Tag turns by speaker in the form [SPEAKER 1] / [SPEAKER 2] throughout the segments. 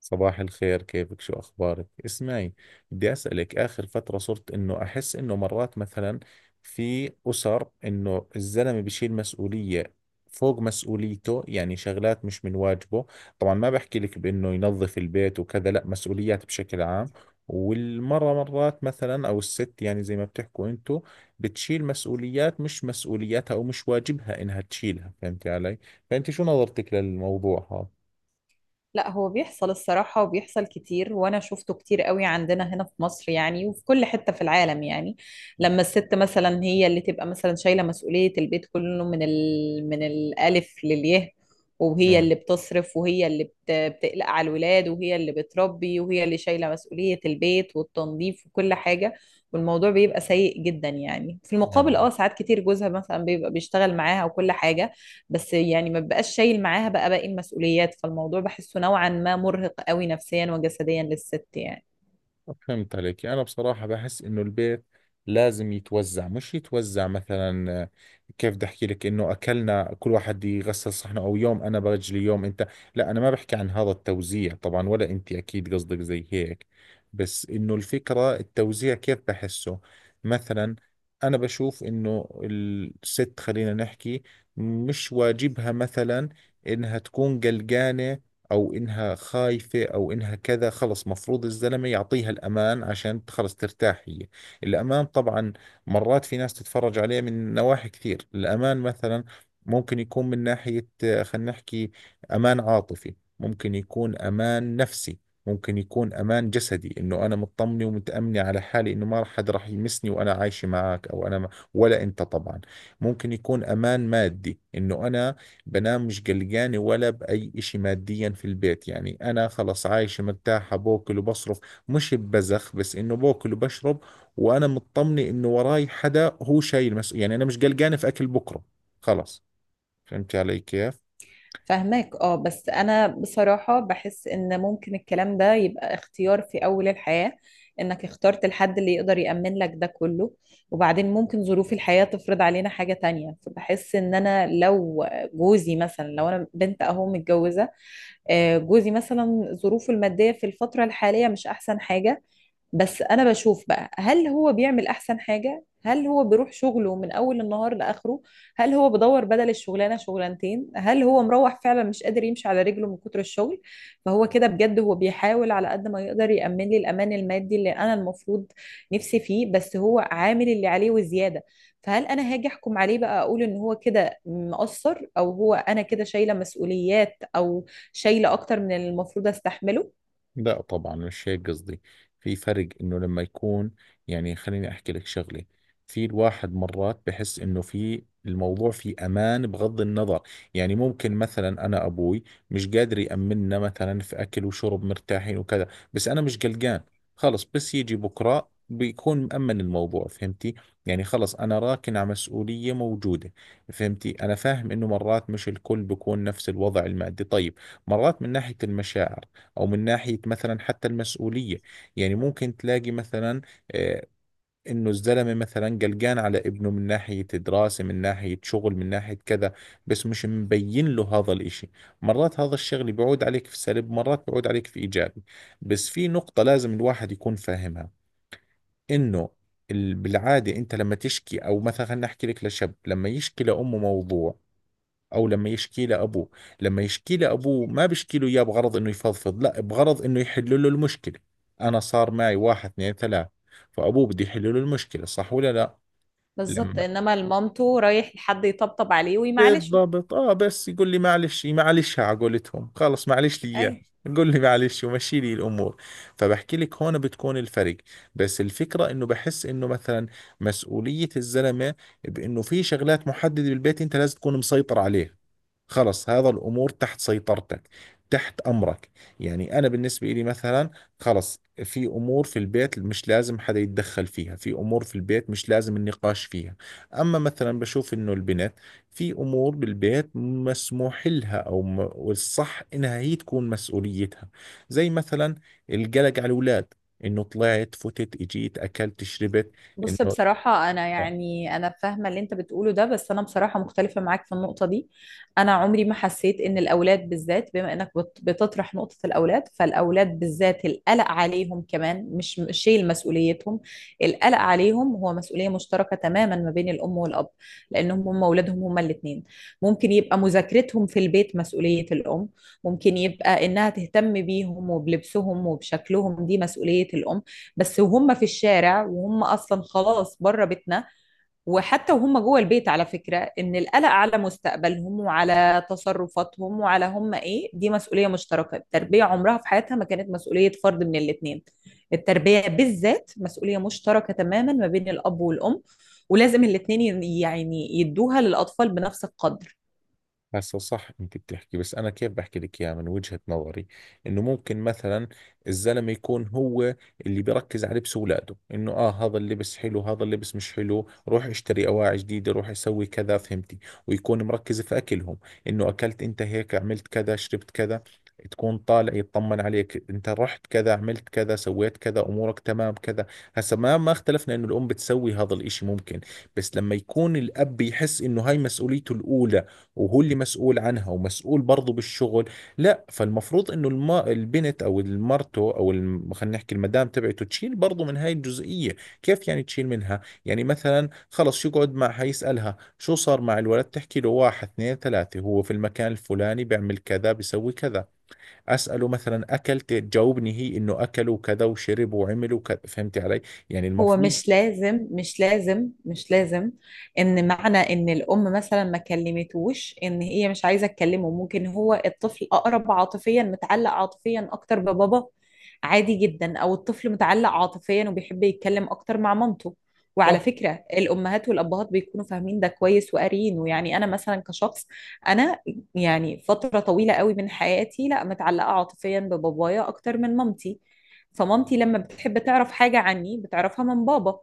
[SPEAKER 1] صباح الخير، كيفك؟ شو أخبارك؟ اسمعي، بدي أسألك. آخر فترة صرت إنه أحس إنه مرات مثلا في أسر إنه الزلمة بشيل مسؤولية فوق مسؤوليته، يعني شغلات مش من واجبه. طبعا ما بحكي لك بإنه ينظف البيت وكذا، لا مسؤوليات بشكل عام. والمرة مرات مثلا أو الست يعني زي ما بتحكوا أنتوا بتشيل مسؤوليات مش مسؤولياتها أو مش واجبها إنها تشيلها. فهمتي علي؟ فأنت شو نظرتك للموضوع هذا؟
[SPEAKER 2] لا، هو بيحصل الصراحة وبيحصل كتير، وأنا شفته كتير قوي عندنا هنا في مصر يعني، وفي كل حتة في العالم يعني. لما الست مثلا هي اللي تبقى مثلا شايلة مسؤولية البيت كله من الألف للياء، وهي
[SPEAKER 1] نعم.
[SPEAKER 2] اللي بتصرف، وهي اللي بتقلق على الولاد، وهي اللي بتربي، وهي اللي شايلة مسؤولية البيت والتنظيف وكل حاجة. والموضوع بيبقى سيء جدا يعني. في المقابل
[SPEAKER 1] نعم.
[SPEAKER 2] ساعات كتير جوزها مثلا بيبقى بيشتغل معاها وكل حاجة، بس يعني ما بقاش شايل معاها بقى باقي المسؤوليات. فالموضوع بحسه نوعا ما مرهق قوي نفسيا وجسديا للست يعني.
[SPEAKER 1] فهمت عليك. يعني أنا بصراحة بحس إنه البيت لازم يتوزع، مش يتوزع مثلا كيف بدي أحكي لك، إنه أكلنا كل واحد يغسل صحنه أو يوم أنا برجلي يوم أنت. لا أنا ما بحكي عن هذا التوزيع طبعا، ولا أنت أكيد قصدك زي هيك. بس إنه الفكرة التوزيع كيف بحسه مثلا. أنا بشوف إنه الست، خلينا نحكي، مش واجبها مثلا إنها تكون قلقانة او انها خايفة او انها كذا. خلص مفروض الزلمة يعطيها الامان عشان خلص ترتاح هي. الامان طبعا مرات في ناس تتفرج عليه من نواحي كثير. الامان مثلا ممكن يكون من ناحية خلينا نحكي امان عاطفي، ممكن يكون امان نفسي، ممكن يكون امان جسدي، انه انا مطمنه ومتامنه على حالي انه ما حد راح يمسني وانا عايشه معك او انا ما ولا انت طبعا. ممكن يكون امان مادي، انه انا بنام مش قلقانة ولا بأي إشي ماديا في البيت. يعني أنا خلص عايشة مرتاحة، بأكل وبصرف، مش ببزخ، بس إنه بأكل وبشرب، وأنا مطمنة إنه وراي حدا هو شايل مسؤولية. يعني أنا مش قلقانة في أكل بكرة، خلص. فهمت علي كيف؟
[SPEAKER 2] فهماك بس انا بصراحة بحس ان ممكن الكلام ده يبقى اختيار في اول الحياة، انك اخترت الحد اللي يقدر يأمن لك ده كله، وبعدين ممكن ظروف الحياة تفرض علينا حاجة تانية. فبحس ان انا لو جوزي مثلا، لو انا بنت اهو متجوزة، جوزي مثلا ظروفه المادية في الفترة الحالية مش احسن حاجة. بس انا بشوف بقى، هل هو بيعمل احسن حاجة؟ هل هو بيروح شغله من اول النهار لاخره؟ هل هو بدور بدل الشغلانة شغلانتين؟ هل هو مروح فعلا مش قادر يمشي على رجله من كتر الشغل؟ فهو كده بجد هو بيحاول على قد ما يقدر يأمن لي الامان المادي اللي انا المفروض نفسي فيه، بس هو عامل اللي عليه وزيادة. فهل انا هاجي احكم عليه بقى، اقول ان هو كده مقصر، او هو انا كده شايلة مسؤوليات او شايلة اكتر من اللي المفروض استحمله؟
[SPEAKER 1] لا طبعا مش هيك قصدي. في فرق انه لما يكون، يعني خليني احكي لك شغله، في الواحد مرات بحس انه في الموضوع في امان بغض النظر. يعني ممكن مثلا انا ابوي مش قادر يامننا مثلا في اكل وشرب مرتاحين وكذا، بس انا مش قلقان، خلص. بس يجي بكره بيكون مأمن الموضوع. فهمتي؟ يعني خلص انا راكن على مسؤولية موجودة. فهمتي؟ انا فاهم انه مرات مش الكل بيكون نفس الوضع المادي. طيب، مرات من ناحية المشاعر او من ناحيه مثلا حتى المسؤوليه. يعني ممكن تلاقي مثلا آه، انه الزلمه مثلا قلقان على ابنه من ناحيه دراسه، من ناحيه شغل، من ناحيه كذا، بس مش مبين له هذا الاشي. مرات هذا الشغل بيعود عليك في سلب، مرات بيعود عليك في ايجابي. بس في نقطه لازم الواحد يكون فاهمها، انه بالعاده انت لما تشكي او مثلا، خلينا نحكي لك لشاب، لما يشكي لامه موضوع او لما يشكي له ابوه، لما يشكي له ابوه ما بيشكي له اياه بغرض انه يفضفض، لا بغرض انه يحل له المشكله. انا صار معي واحد اثنين ثلاث، فابوه بده يحل له المشكله. صح ولا لا؟
[SPEAKER 2] بالظبط،
[SPEAKER 1] لما
[SPEAKER 2] انما لمامته رايح لحد يطبطب عليه ويمعلشه.
[SPEAKER 1] بالضبط، اه. بس يقول لي معلش معلش، على قولتهم خلص، معلش لي
[SPEAKER 2] اي.
[SPEAKER 1] اياه. قول لي معلش ومشي لي الامور. فبحكي لك هون بتكون الفرق. بس الفكره انه بحس انه مثلا مسؤوليه الزلمه، بانه في شغلات محدده بالبيت انت لازم تكون مسيطر عليها، خلص. هذا الأمور تحت سيطرتك، تحت أمرك. يعني أنا بالنسبة لي مثلا خلص، في أمور في البيت مش لازم حدا يتدخل فيها، في أمور في البيت مش لازم النقاش فيها. أما مثلا بشوف إنه البنت في أمور بالبيت مسموح لها، أو والصح إنها هي تكون مسؤوليتها، زي مثلا القلق على الأولاد، إنه طلعت، فتت، إجيت، أكلت، شربت
[SPEAKER 2] بص،
[SPEAKER 1] إنه.
[SPEAKER 2] بصراحة أنا يعني أنا فاهمة اللي أنت بتقوله ده، بس أنا بصراحة مختلفة معاك في النقطة دي. أنا عمري ما حسيت إن الأولاد بالذات، بما إنك بتطرح نقطة الأولاد، فالأولاد بالذات القلق عليهم كمان مش شيل مسؤوليتهم. القلق عليهم هو مسؤولية مشتركة تماما ما بين الأم والأب، لأنهم هم أولادهم هما الاتنين. ممكن يبقى مذاكرتهم في البيت مسؤولية الأم، ممكن يبقى إنها تهتم بيهم وبلبسهم وبشكلهم، دي مسؤولية الأم. بس وهم في الشارع وهم اصلا خلاص بره بيتنا، وحتى وهم جوه البيت، على فكره ان القلق على مستقبلهم وعلى تصرفاتهم وعلى هم ايه، دي مسؤوليه مشتركه. التربيه عمرها في حياتها ما كانت مسؤوليه فرد من الاثنين. التربيه بالذات مسؤوليه مشتركه تماما ما بين الاب والام، ولازم الاثنين يعني يدوها للاطفال بنفس القدر.
[SPEAKER 1] هسه صح انت بتحكي، بس انا كيف بحكي لك اياها من وجهة نظري، انه ممكن مثلا الزلمة يكون هو اللي بيركز على لبس اولاده، انه اه هذا اللبس حلو هذا اللبس مش حلو، روح اشتري اواعي جديدة، روح اسوي كذا. فهمتي؟ ويكون مركز في اكلهم، انه اكلت انت هيك، عملت كذا، شربت كذا. تكون طالع يطمن عليك، انت رحت كذا، عملت كذا، سويت كذا، امورك تمام كذا. هسا ما اختلفنا انه الام بتسوي هذا الاشي، ممكن. بس لما يكون الاب يحس انه هاي مسؤوليته الاولى، وهو اللي مسؤول عنها ومسؤول برضه بالشغل، لا فالمفروض انه البنت او المرته، او خلينا نحكي المدام تبعته، تشيل برضه من هاي الجزئية. كيف يعني تشيل منها؟ يعني مثلا خلص يقعد معها، يسألها شو صار مع الولد، تحكي له واحد اثنين ثلاثة، هو في المكان الفلاني بيعمل كذا، بيسوي كذا. أسأله مثلا أكلت، تجاوبني هي إنه أكلوا كذا، وشربوا وعملوا كذا. فهمتي علي؟ يعني
[SPEAKER 2] هو
[SPEAKER 1] المفروض.
[SPEAKER 2] مش لازم، مش لازم، مش لازم ان معنى ان الام مثلا ما كلمتوش ان هي مش عايزه تكلمه. ممكن هو الطفل اقرب عاطفيا، متعلق عاطفيا اكتر ببابا، عادي جدا. او الطفل متعلق عاطفيا وبيحب يتكلم اكتر مع مامته.
[SPEAKER 1] صح.
[SPEAKER 2] وعلى فكره الامهات والابهات بيكونوا فاهمين ده كويس وقاريينه. يعني انا مثلا كشخص، انا يعني فتره طويله قوي من حياتي لا متعلقه عاطفيا ببابايا اكتر من مامتي. فمامتي لما بتحب تعرف حاجة عني بتعرفها من بابا.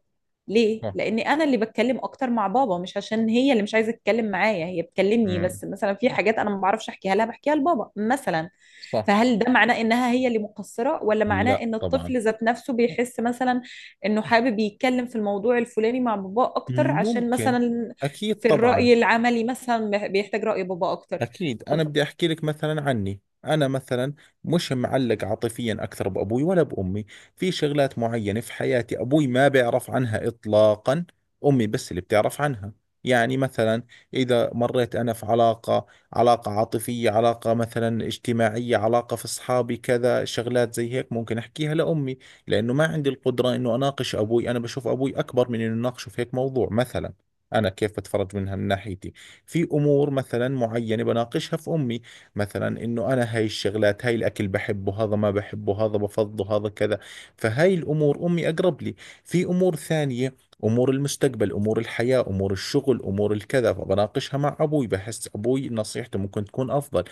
[SPEAKER 2] ليه؟
[SPEAKER 1] صح.
[SPEAKER 2] لأن أنا اللي بتكلم أكتر مع بابا، مش عشان هي اللي مش عايزة تتكلم معايا، هي بتكلمني،
[SPEAKER 1] مم.
[SPEAKER 2] بس مثلا في حاجات أنا ما بعرفش أحكيها لها بحكيها لبابا مثلا.
[SPEAKER 1] صح.
[SPEAKER 2] فهل ده معناه إنها هي اللي مقصرة، ولا معناه
[SPEAKER 1] لا
[SPEAKER 2] إن
[SPEAKER 1] طبعا.
[SPEAKER 2] الطفل ذات نفسه بيحس مثلا إنه حابب يتكلم في الموضوع الفلاني مع بابا أكتر، عشان
[SPEAKER 1] ممكن.
[SPEAKER 2] مثلا
[SPEAKER 1] أكيد
[SPEAKER 2] في
[SPEAKER 1] طبعا.
[SPEAKER 2] الرأي العملي مثلا بيحتاج رأي بابا أكتر.
[SPEAKER 1] أكيد. أنا بدي أحكي لك مثلا عني أنا مثلا، مش معلق عاطفيا أكثر بأبوي ولا بأمي. في شغلات معينة في حياتي أبوي ما بيعرف عنها إطلاقا، أمي بس اللي بتعرف عنها. يعني مثلا إذا مريت أنا في علاقة، علاقة عاطفية، علاقة مثلا اجتماعية، علاقة في أصحابي كذا، شغلات زي هيك ممكن أحكيها لأمي، لأنه ما عندي القدرة إنه أناقش أبوي. أنا بشوف أبوي أكبر من إنه أناقشه في هيك موضوع مثلا. أنا كيف بتفرج منها من ناحيتي، في امور مثلا معينه بناقشها في امي، مثلا انه انا هاي الشغلات، هاي الاكل بحبه، هذا ما بحبه، هذا بفضه، هذا كذا. فهاي الامور امي اقرب لي. في امور ثانيه، امور المستقبل، امور الحياه، امور الشغل، امور الكذا، فبناقشها مع ابوي، بحس ابوي نصيحته ممكن تكون افضل.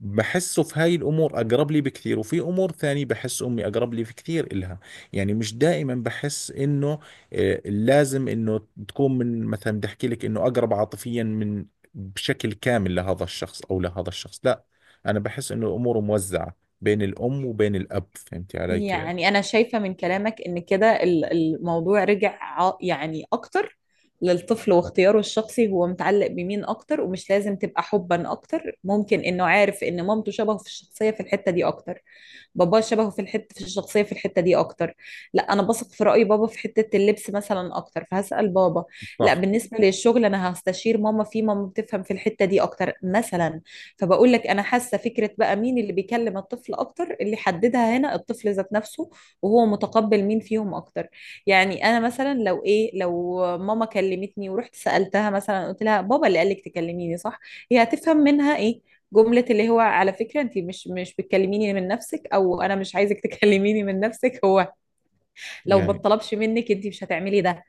[SPEAKER 1] بحسه في هاي الأمور أقرب لي بكثير، وفي أمور ثانية بحس أمي أقرب لي في كثير إلها. يعني مش دائما بحس إنه لازم إنه تكون من، مثلا بدي أحكي لك إنه أقرب عاطفيا من بشكل كامل لهذا الشخص أو لهذا الشخص، لا. أنا بحس إنه الأمور موزعة بين الأم وبين الأب. فهمتي علي كيف؟
[SPEAKER 2] يعني أنا شايفة من كلامك إن كده الموضوع رجع يعني أكتر للطفل واختياره الشخصي، هو متعلق بمين أكتر. ومش لازم تبقى حبا أكتر، ممكن إنه عارف إن مامته شبهه في الشخصية في الحتة دي أكتر، باباه شبهه في الحته في الشخصيه في الحته دي اكتر. لا، انا بثق في راي بابا في حته اللبس مثلا اكتر، فهسال بابا. لا،
[SPEAKER 1] صح.
[SPEAKER 2] بالنسبه للشغل انا هستشير ماما فيه، ماما بتفهم في الحته دي اكتر مثلا. فبقول لك انا حاسه فكره بقى مين اللي بيكلم الطفل اكتر، اللي حددها هنا الطفل ذات نفسه، وهو متقبل مين فيهم اكتر. يعني انا مثلا، لو ايه، لو ماما كلمتني ورحت سالتها مثلا قلت لها بابا اللي قال لك تكلميني، صح؟ هي هتفهم منها ايه؟ جملة اللي هو على فكرة انت مش بتكلميني من نفسك، او انا مش عايزك تكلميني من نفسك، هو لو ما
[SPEAKER 1] يعني
[SPEAKER 2] اتطلبش منك انت مش هتعملي ده.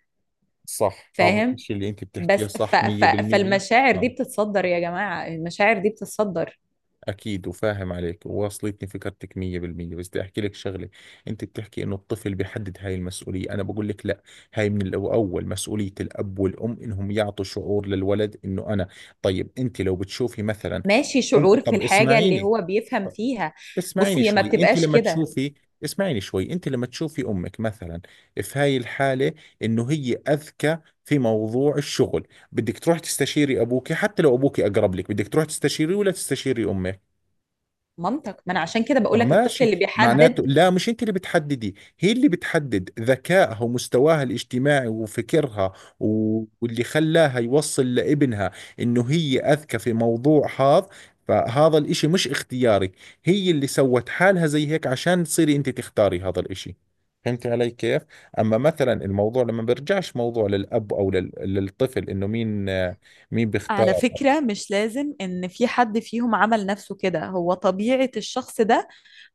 [SPEAKER 1] صح. هذا
[SPEAKER 2] فاهم؟
[SPEAKER 1] الشيء اللي أنت
[SPEAKER 2] بس
[SPEAKER 1] بتحكيه
[SPEAKER 2] ف
[SPEAKER 1] صح.
[SPEAKER 2] ف
[SPEAKER 1] 100%.
[SPEAKER 2] فالمشاعر دي بتتصدر يا جماعة، المشاعر دي بتتصدر.
[SPEAKER 1] اكيد وفاهم عليك وواصلتني فكرتك 100%. بس بدي احكي لك شغله. انت بتحكي انه الطفل بيحدد هاي المسؤوليه، انا بقول لك لا. هاي من الاول مسؤوليه الاب والام انهم يعطوا شعور للولد انه انا. طيب، انت لو بتشوفي مثلا،
[SPEAKER 2] ماشي،
[SPEAKER 1] ام،
[SPEAKER 2] شعور في
[SPEAKER 1] طب
[SPEAKER 2] الحاجة اللي
[SPEAKER 1] اسمعيني،
[SPEAKER 2] هو بيفهم فيها. بصي،
[SPEAKER 1] اسمعيني
[SPEAKER 2] هي ما
[SPEAKER 1] شوي انت
[SPEAKER 2] بتبقاش
[SPEAKER 1] لما
[SPEAKER 2] كده.
[SPEAKER 1] تشوفي اسمعيني شوي انت لما تشوفي امك مثلا في هاي الحاله، انه هي اذكى في موضوع الشغل، بدك تروح تستشيري ابوك حتى لو ابوك اقرب لك، بدك تروح تستشيري ولا تستشيري امك؟
[SPEAKER 2] منطق، ما انا عشان كده بقول
[SPEAKER 1] طب
[SPEAKER 2] لك الطفل اللي
[SPEAKER 1] ماشي،
[SPEAKER 2] بيحدد.
[SPEAKER 1] معناته لا، مش انت اللي بتحددي، هي اللي بتحدد، ذكائها ومستواها الاجتماعي وفكرها واللي خلاها يوصل لابنها انه هي اذكى في موضوع هذا. فهذا الاشي مش اختياري، هي اللي سوت حالها زي هيك عشان تصيري انت تختاري هذا الاشي. فهمت علي كيف؟ اما مثلا الموضوع لما بيرجعش موضوع للاب او للطفل، انه مين، مين بيختار.
[SPEAKER 2] على فكرة مش لازم إن في حد فيهم عمل نفسه كده، هو طبيعة الشخص ده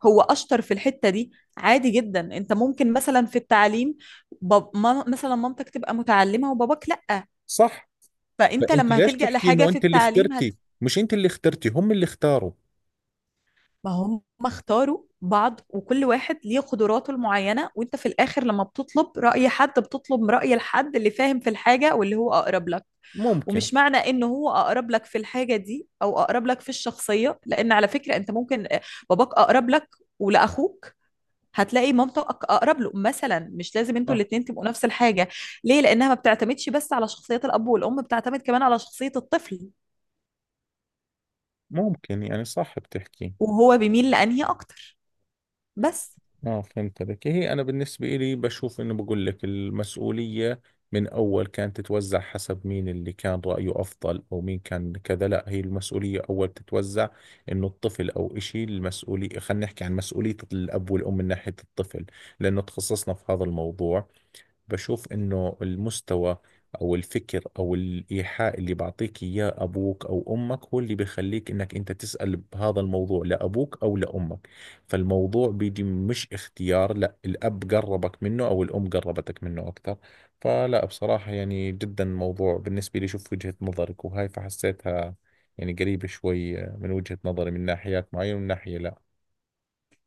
[SPEAKER 2] هو أشطر في الحتة دي. عادي جدا، أنت ممكن مثلا في التعليم، باب ما مثلا مامتك تبقى متعلمة وباباك لأ،
[SPEAKER 1] صح. ما
[SPEAKER 2] فأنت
[SPEAKER 1] انت
[SPEAKER 2] لما
[SPEAKER 1] ليش
[SPEAKER 2] هتلجأ
[SPEAKER 1] تحكي
[SPEAKER 2] لحاجة
[SPEAKER 1] انه
[SPEAKER 2] في
[SPEAKER 1] انت اللي
[SPEAKER 2] التعليم
[SPEAKER 1] اخترتي؟ مش انت اللي اخترتي، هم اللي اختاروا.
[SPEAKER 2] ما هم اختاروا بعض، وكل واحد ليه قدراته المعينة، وأنت في الآخر لما بتطلب رأي حد بتطلب رأي الحد اللي فاهم في الحاجة واللي هو أقرب لك.
[SPEAKER 1] ممكن.
[SPEAKER 2] ومش معنى انه هو اقرب لك في الحاجه دي او اقرب لك في الشخصيه، لان على فكره انت ممكن باباك اقرب لك، ولاخوك هتلاقي مامتك اقرب له مثلا، مش لازم انتوا
[SPEAKER 1] صح.
[SPEAKER 2] الاثنين تبقوا نفس الحاجه. ليه؟ لانها ما بتعتمدش بس على شخصيه الاب والام، بتعتمد كمان على شخصيه الطفل
[SPEAKER 1] ممكن. يعني صح بتحكي.
[SPEAKER 2] وهو بيميل لانهي اكتر. بس.
[SPEAKER 1] اه فهمت عليك. هي انا بالنسبة لي بشوف انه، بقول لك المسؤولية من اول كانت تتوزع حسب مين اللي كان رأيه افضل او مين كان كذا، لا، هي المسؤولية اول تتوزع انه الطفل او اشي. المسؤولية خلينا نحكي عن مسؤولية الاب والام من ناحية الطفل، لانه تخصصنا في هذا الموضوع. بشوف انه المستوى او الفكر او الايحاء اللي بعطيك اياه ابوك او امك هو اللي بخليك انك انت تسأل بهذا الموضوع لابوك او لامك. فالموضوع بيجي مش اختيار، لا الاب قربك منه او الام قربتك منه اكثر. فلا، بصراحة يعني جدا موضوع بالنسبة لي، شوف وجهة نظرك وهاي فحسيتها يعني قريبة شوي من وجهة نظري من ناحيات معينة، ومن ناحية لا.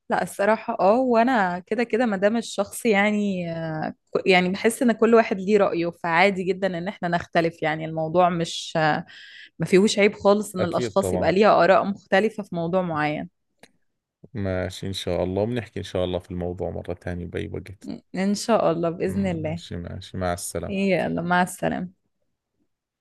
[SPEAKER 2] لا، الصراحة وانا كده كده، ما دام الشخص يعني يعني بحس ان كل واحد ليه رأيه، فعادي جدا ان احنا نختلف. يعني الموضوع مش ما فيهوش عيب خالص ان
[SPEAKER 1] أكيد
[SPEAKER 2] الاشخاص يبقى
[SPEAKER 1] طبعا.
[SPEAKER 2] ليها آراء مختلفة في موضوع معين.
[SPEAKER 1] ماشي إن شاء الله، وبنحكي إن شاء الله في الموضوع مرة ثانية بأي وقت.
[SPEAKER 2] ان شاء الله بإذن الله.
[SPEAKER 1] ماشي ماشي، مع السلامة.
[SPEAKER 2] يلا، مع السلامة.